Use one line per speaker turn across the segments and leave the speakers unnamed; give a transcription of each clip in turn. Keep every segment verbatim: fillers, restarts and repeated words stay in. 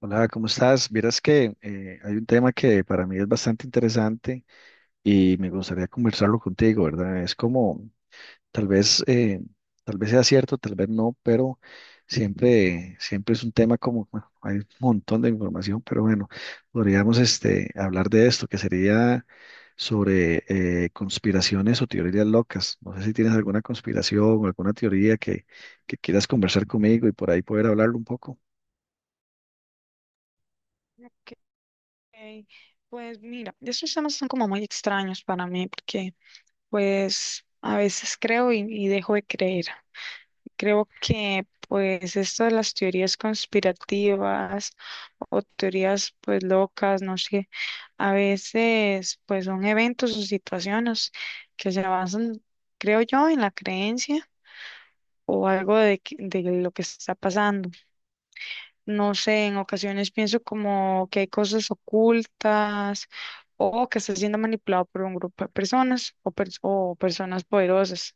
Hola, ¿cómo estás? Vieras que eh, hay un tema que para mí es bastante interesante y me gustaría conversarlo contigo, ¿verdad? Es como, tal vez, eh, tal vez sea cierto, tal vez no, pero siempre, siempre es un tema como, bueno, hay un montón de información, pero bueno, podríamos este, hablar de esto, que sería sobre eh, conspiraciones o teorías locas. No sé si tienes alguna conspiración o alguna teoría que, que quieras conversar conmigo y por ahí poder hablarlo un poco.
Ok. Pues mira, estos temas son como muy extraños para mí porque pues a veces creo y, y dejo de creer. Creo que pues esto de las teorías conspirativas o teorías pues locas, no sé, a veces pues son eventos o situaciones que se basan, creo yo, en la creencia o algo de, que- de lo que está pasando. No sé, en ocasiones pienso como que hay cosas ocultas o que está siendo manipulado por un grupo de personas o, pers- o personas poderosas.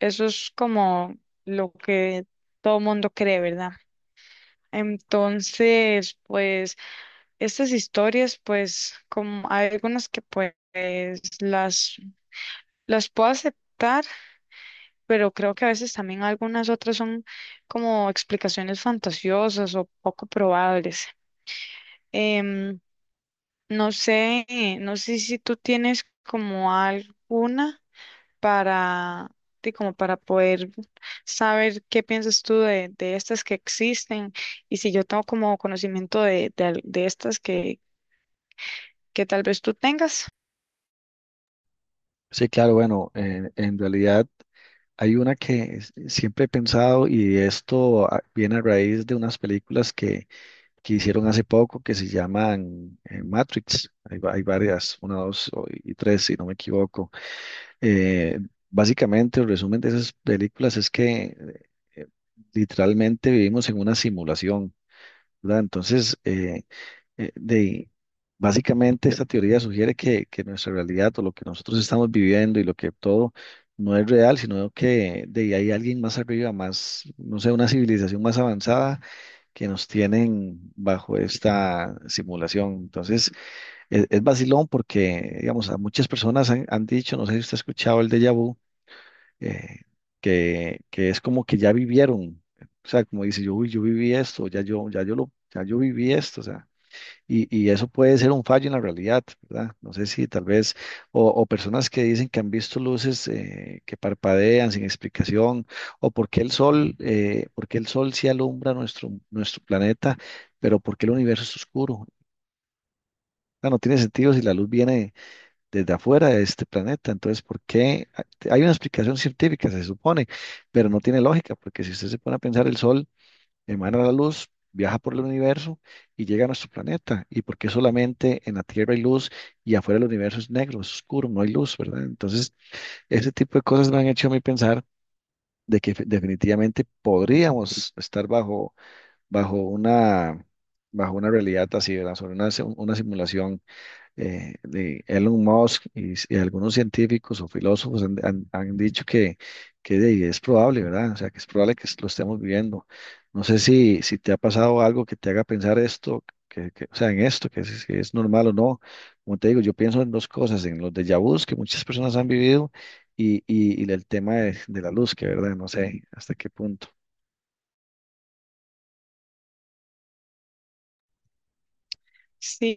Eso es como lo que todo mundo cree, ¿verdad? Entonces, pues estas historias, pues como hay algunas que pues las, las puedo aceptar, pero creo que a veces también algunas otras son como explicaciones fantasiosas o poco probables. Em, No sé, no sé si tú tienes como alguna para ti, como para poder saber qué piensas tú de, de estas que existen y si yo tengo como conocimiento de, de, al- de estas que, que tal vez tú tengas.
Sí, claro, bueno, en, en realidad hay una que s- siempre he pensado y esto ah, viene a raíz de unas películas que, que hicieron hace poco que se llaman eh, Matrix. Hay, va- hay varias, una, dos o- y tres, si no me equivoco. Eh, Básicamente, el resumen de esas películas es que eh, literalmente vivimos en una simulación, ¿verdad? Entonces, eh, eh, de, básicamente esta teoría sugiere que, que nuestra realidad o lo que nosotros estamos viviendo y lo que todo no es real, sino que de ahí hay alguien más arriba, más, no sé, una civilización más avanzada que nos tienen bajo esta simulación. Entonces, es, es vacilón porque, digamos, a muchas personas han, han dicho, no sé si usted ha escuchado el déjà vu, eh, que, que es como que ya vivieron. O sea, como dice yo, uy, yo viví esto, ya yo, ya yo lo, ya yo viví esto, o sea, y, y eso puede ser un fallo en la realidad, ¿verdad? No sé si tal vez, o, o personas que dicen que han visto luces eh, que parpadean sin explicación, o por qué el sol, eh, por qué el sol sí alumbra nuestro, nuestro planeta, pero por qué el universo es oscuro. Ah, no tiene sentido si la luz viene desde afuera de este planeta. Entonces, ¿por qué? Hay una explicación científica, se supone, pero no tiene lógica, porque si usted se pone a pensar, el sol emana la luz, viaja por el universo y llega a nuestro planeta. ¿Y por qué solamente en la Tierra hay luz y afuera el universo es negro, es oscuro, no hay luz, ¿verdad? Entonces, ese tipo de cosas me han hecho a mí pensar de que fe- definitivamente podríamos estar bajo, bajo una, bajo una realidad así, ¿verdad? Sobre una, si- una simulación eh, de Elon Musk y, s- y algunos científicos o filósofos han, han- han dicho que, que de- es probable, ¿verdad? O sea, que es probable que lo estemos viviendo. No sé si, si te ha pasado algo que te haga pensar esto, que, que- o sea, en esto, que si, si es normal o no. Como te digo, yo pienso en dos cosas, en los déjà vus que muchas personas han vivido y, y, y el tema de, de la luz, que, ¿verdad? No sé hasta qué punto.
Sí,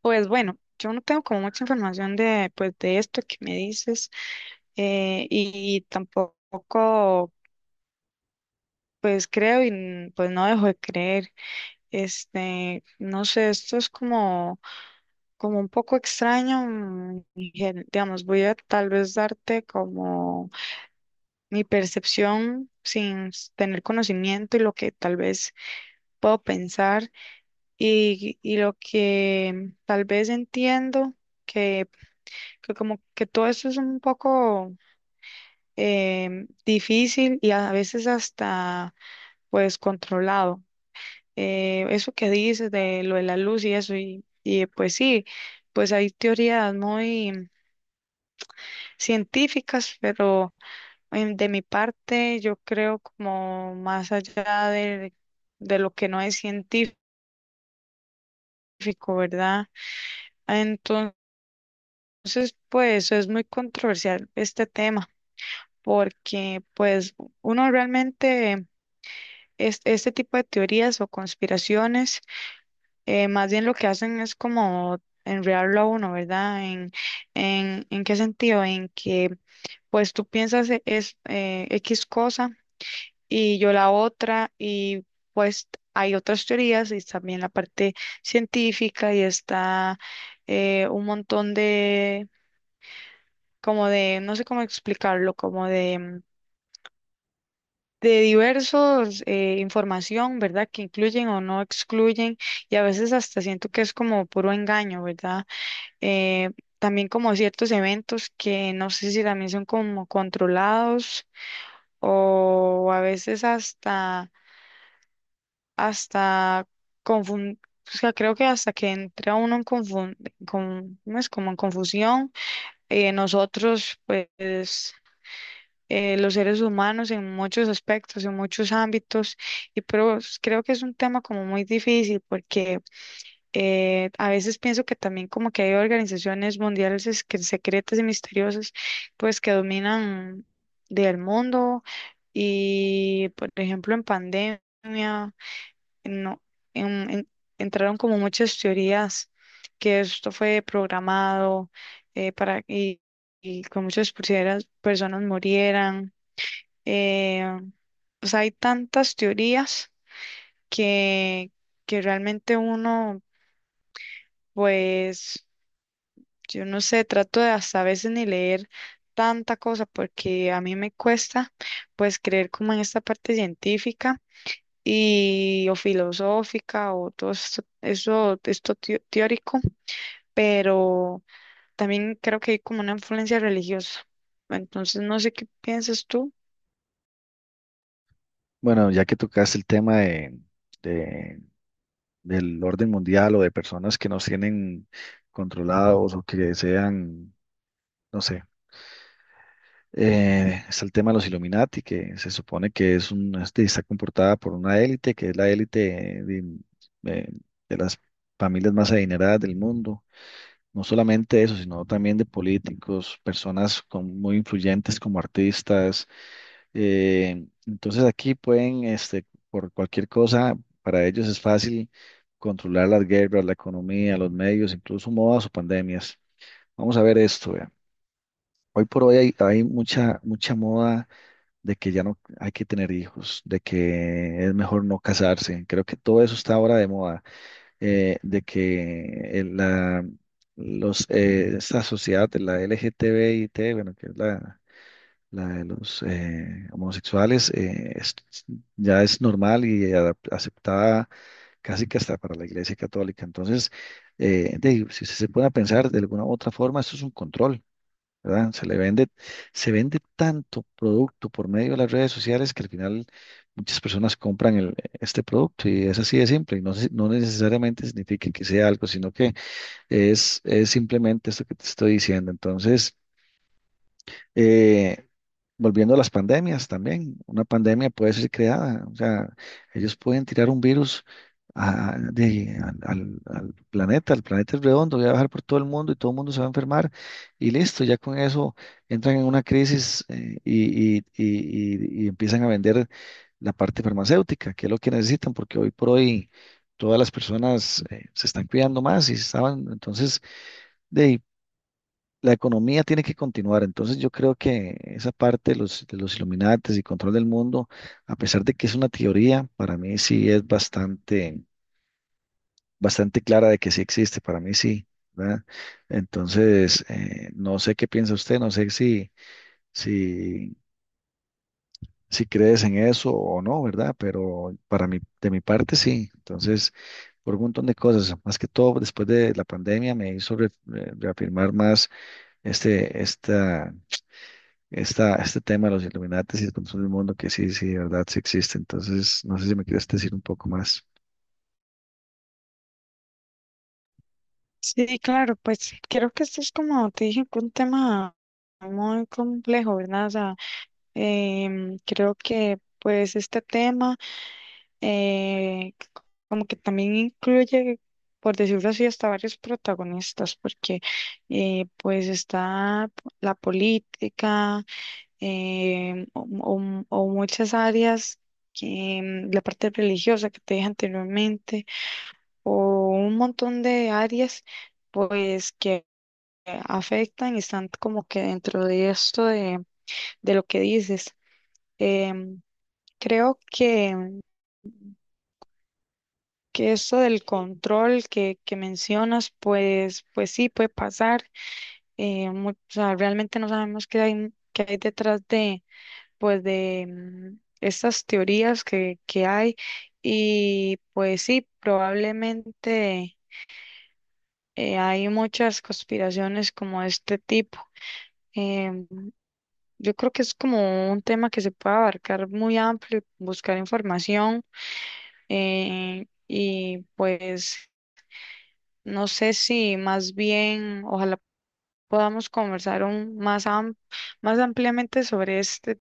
pues bueno, yo no tengo como mucha información de, pues, de esto que me dices eh, y tampoco pues creo y pues no dejo de creer. Este, no sé, esto es como como un poco extraño. Mm, gen- digamos, voy a tal vez darte como mi percepción sin s- tener conocimiento y lo que tal vez puedo pensar y, y lo que tal vez entiendo, que, que como que todo esto es un poco em, difícil y a veces hasta pues controlado. Eh, eso que dices de lo de la luz y eso, y, y pues sí, pues hay teorías muy científicas, pero em, de mi parte yo creo como más allá de, de lo que no es científico, ¿verdad? Entonces, pues es muy controversial este tema, porque pues uno realmente es, este tipo de teorías o conspiraciones, eh, más bien lo que hacen es como enredarlo a uno, ¿verdad? ¿En, en, en qué sentido? En que pues tú piensas e- es eh, X cosa. Y yo la otra, y pues hay otras teorías y también la parte científica y está eh, un montón de, como de, no sé cómo explicarlo, como de, mm, de diversos eh, información, ¿verdad? Que incluyen o no excluyen y a veces hasta siento que es como puro engaño, ¿verdad? Eh, También como ciertos eventos que no sé si también son como controlados o a veces hasta hasta confun- o sea, creo que hasta que entra uno en confun- con- ¿cómo es? Como en confusión. Eh, nosotros, pues, eh, los seres humanos en muchos aspectos, en muchos ámbitos, y pero s- creo que es un tema como muy difícil porque eh, a veces pienso que también como que hay organizaciones mundiales es que- secretas y misteriosas, pues, que dominan del mundo y, por ejemplo, en pandemia no, en- en- entraron como muchas teorías que esto fue programado eh, para y, y que muchas personas, personas murieran. eh, o sea, hay tantas teorías que, que realmente uno, pues, yo no sé, trato de hasta a veces ni leer tanta cosa porque a mí me cuesta, pues, creer como en esta parte científica. Y o filosófica o todo esto, eso, esto teo- teórico, pero también creo que hay como una influencia religiosa. Entonces, no sé qué piensas tú.
Bueno, ya que tocaste el tema de, del orden mundial o de personas que nos tienen controlados o que sean, no sé. Eh, está el tema de los Illuminati, que se supone que es un, este, está comportada por una élite, que es la élite de, eh, de las familias más adineradas del mundo. No solamente eso, sino también de políticos, personas con- muy influyentes como artistas, eh, entonces aquí pueden, este, por cualquier cosa, para ellos es fácil controlar las guerras, la economía, los medios, incluso modas o pandemias. Vamos a ver esto, vea. Hoy por hoy hay, hay mucha, mucha moda de que ya no hay que tener hijos, de que es mejor no casarse. Creo que todo eso está ahora de moda, eh, de que el- la, los, eh, esta sociedad de la LGTBIT, bueno, que es la la de los eh, homosexuales, eh, es- ya es normal y adap- aceptada casi que hasta para la Iglesia Católica. Entonces, eh, de- si se pone a pensar de alguna u otra forma, esto es un control, ¿verdad? Se le vende, se vende tanto producto por medio de las redes sociales que al final muchas personas compran el- este producto y es así de simple. Y no, se- no necesariamente significa que sea algo, sino que es, es simplemente esto que te estoy diciendo. Entonces, eh, volviendo a las pandemias también, una pandemia puede ser creada, o sea, ellos pueden tirar un virus a- de- al, al- al planeta, el planeta es redondo, voy a bajar por todo el mundo y todo el mundo se va a enfermar y listo, ya con eso entran en una crisis, eh, y, y- y- y- y empiezan a vender la parte farmacéutica, que es lo que necesitan, porque hoy por hoy todas las personas eh, se están cuidando más y estaban, entonces la economía tiene que continuar. Entonces yo creo que esa parte de los, de los Illuminates y control del mundo, a pesar de que es una teoría, para mí sí es bastante, bastante clara de que sí existe, para mí sí, ¿verdad? Entonces, eh, no sé qué piensa usted, no sé si, si, si crees en eso o no, ¿verdad? Pero para mí, de mi parte sí. Entonces, por un montón de cosas, más que todo después de la pandemia me hizo re- re- reafirmar más este, esta esta, este tema de los iluminatis y el control del mundo, que sí, sí, de verdad, sí existe. Entonces, no sé si me quieres decir un poco más.
Sí, claro, pues creo que esto es como te dije, un tema muy complejo, ¿verdad? O sea, em, creo que pues este tema eh, como que también incluye, por decirlo así, hasta varios protagonistas, porque eh, pues está la política eh, o, o- o muchas áreas, que, mm, la parte religiosa que te dije anteriormente, o un montón de áreas, pues que afectan y están como que dentro de esto de, de lo que dices. Em, Creo que que eso del control que, que mencionas, pues, pues sí, puede pasar. Eh, mu- o sea, realmente no sabemos qué hay, qué hay detrás de, pues, de mm, estas teorías que, que hay. Y pues sí, probablemente eh, hay muchas conspiraciones como de este tipo. Em, yo creo que es como un tema que se puede abarcar muy amplio, buscar información eh, y pues no sé si más bien, ojalá podamos conversar un- más, am- más ampliamente sobre este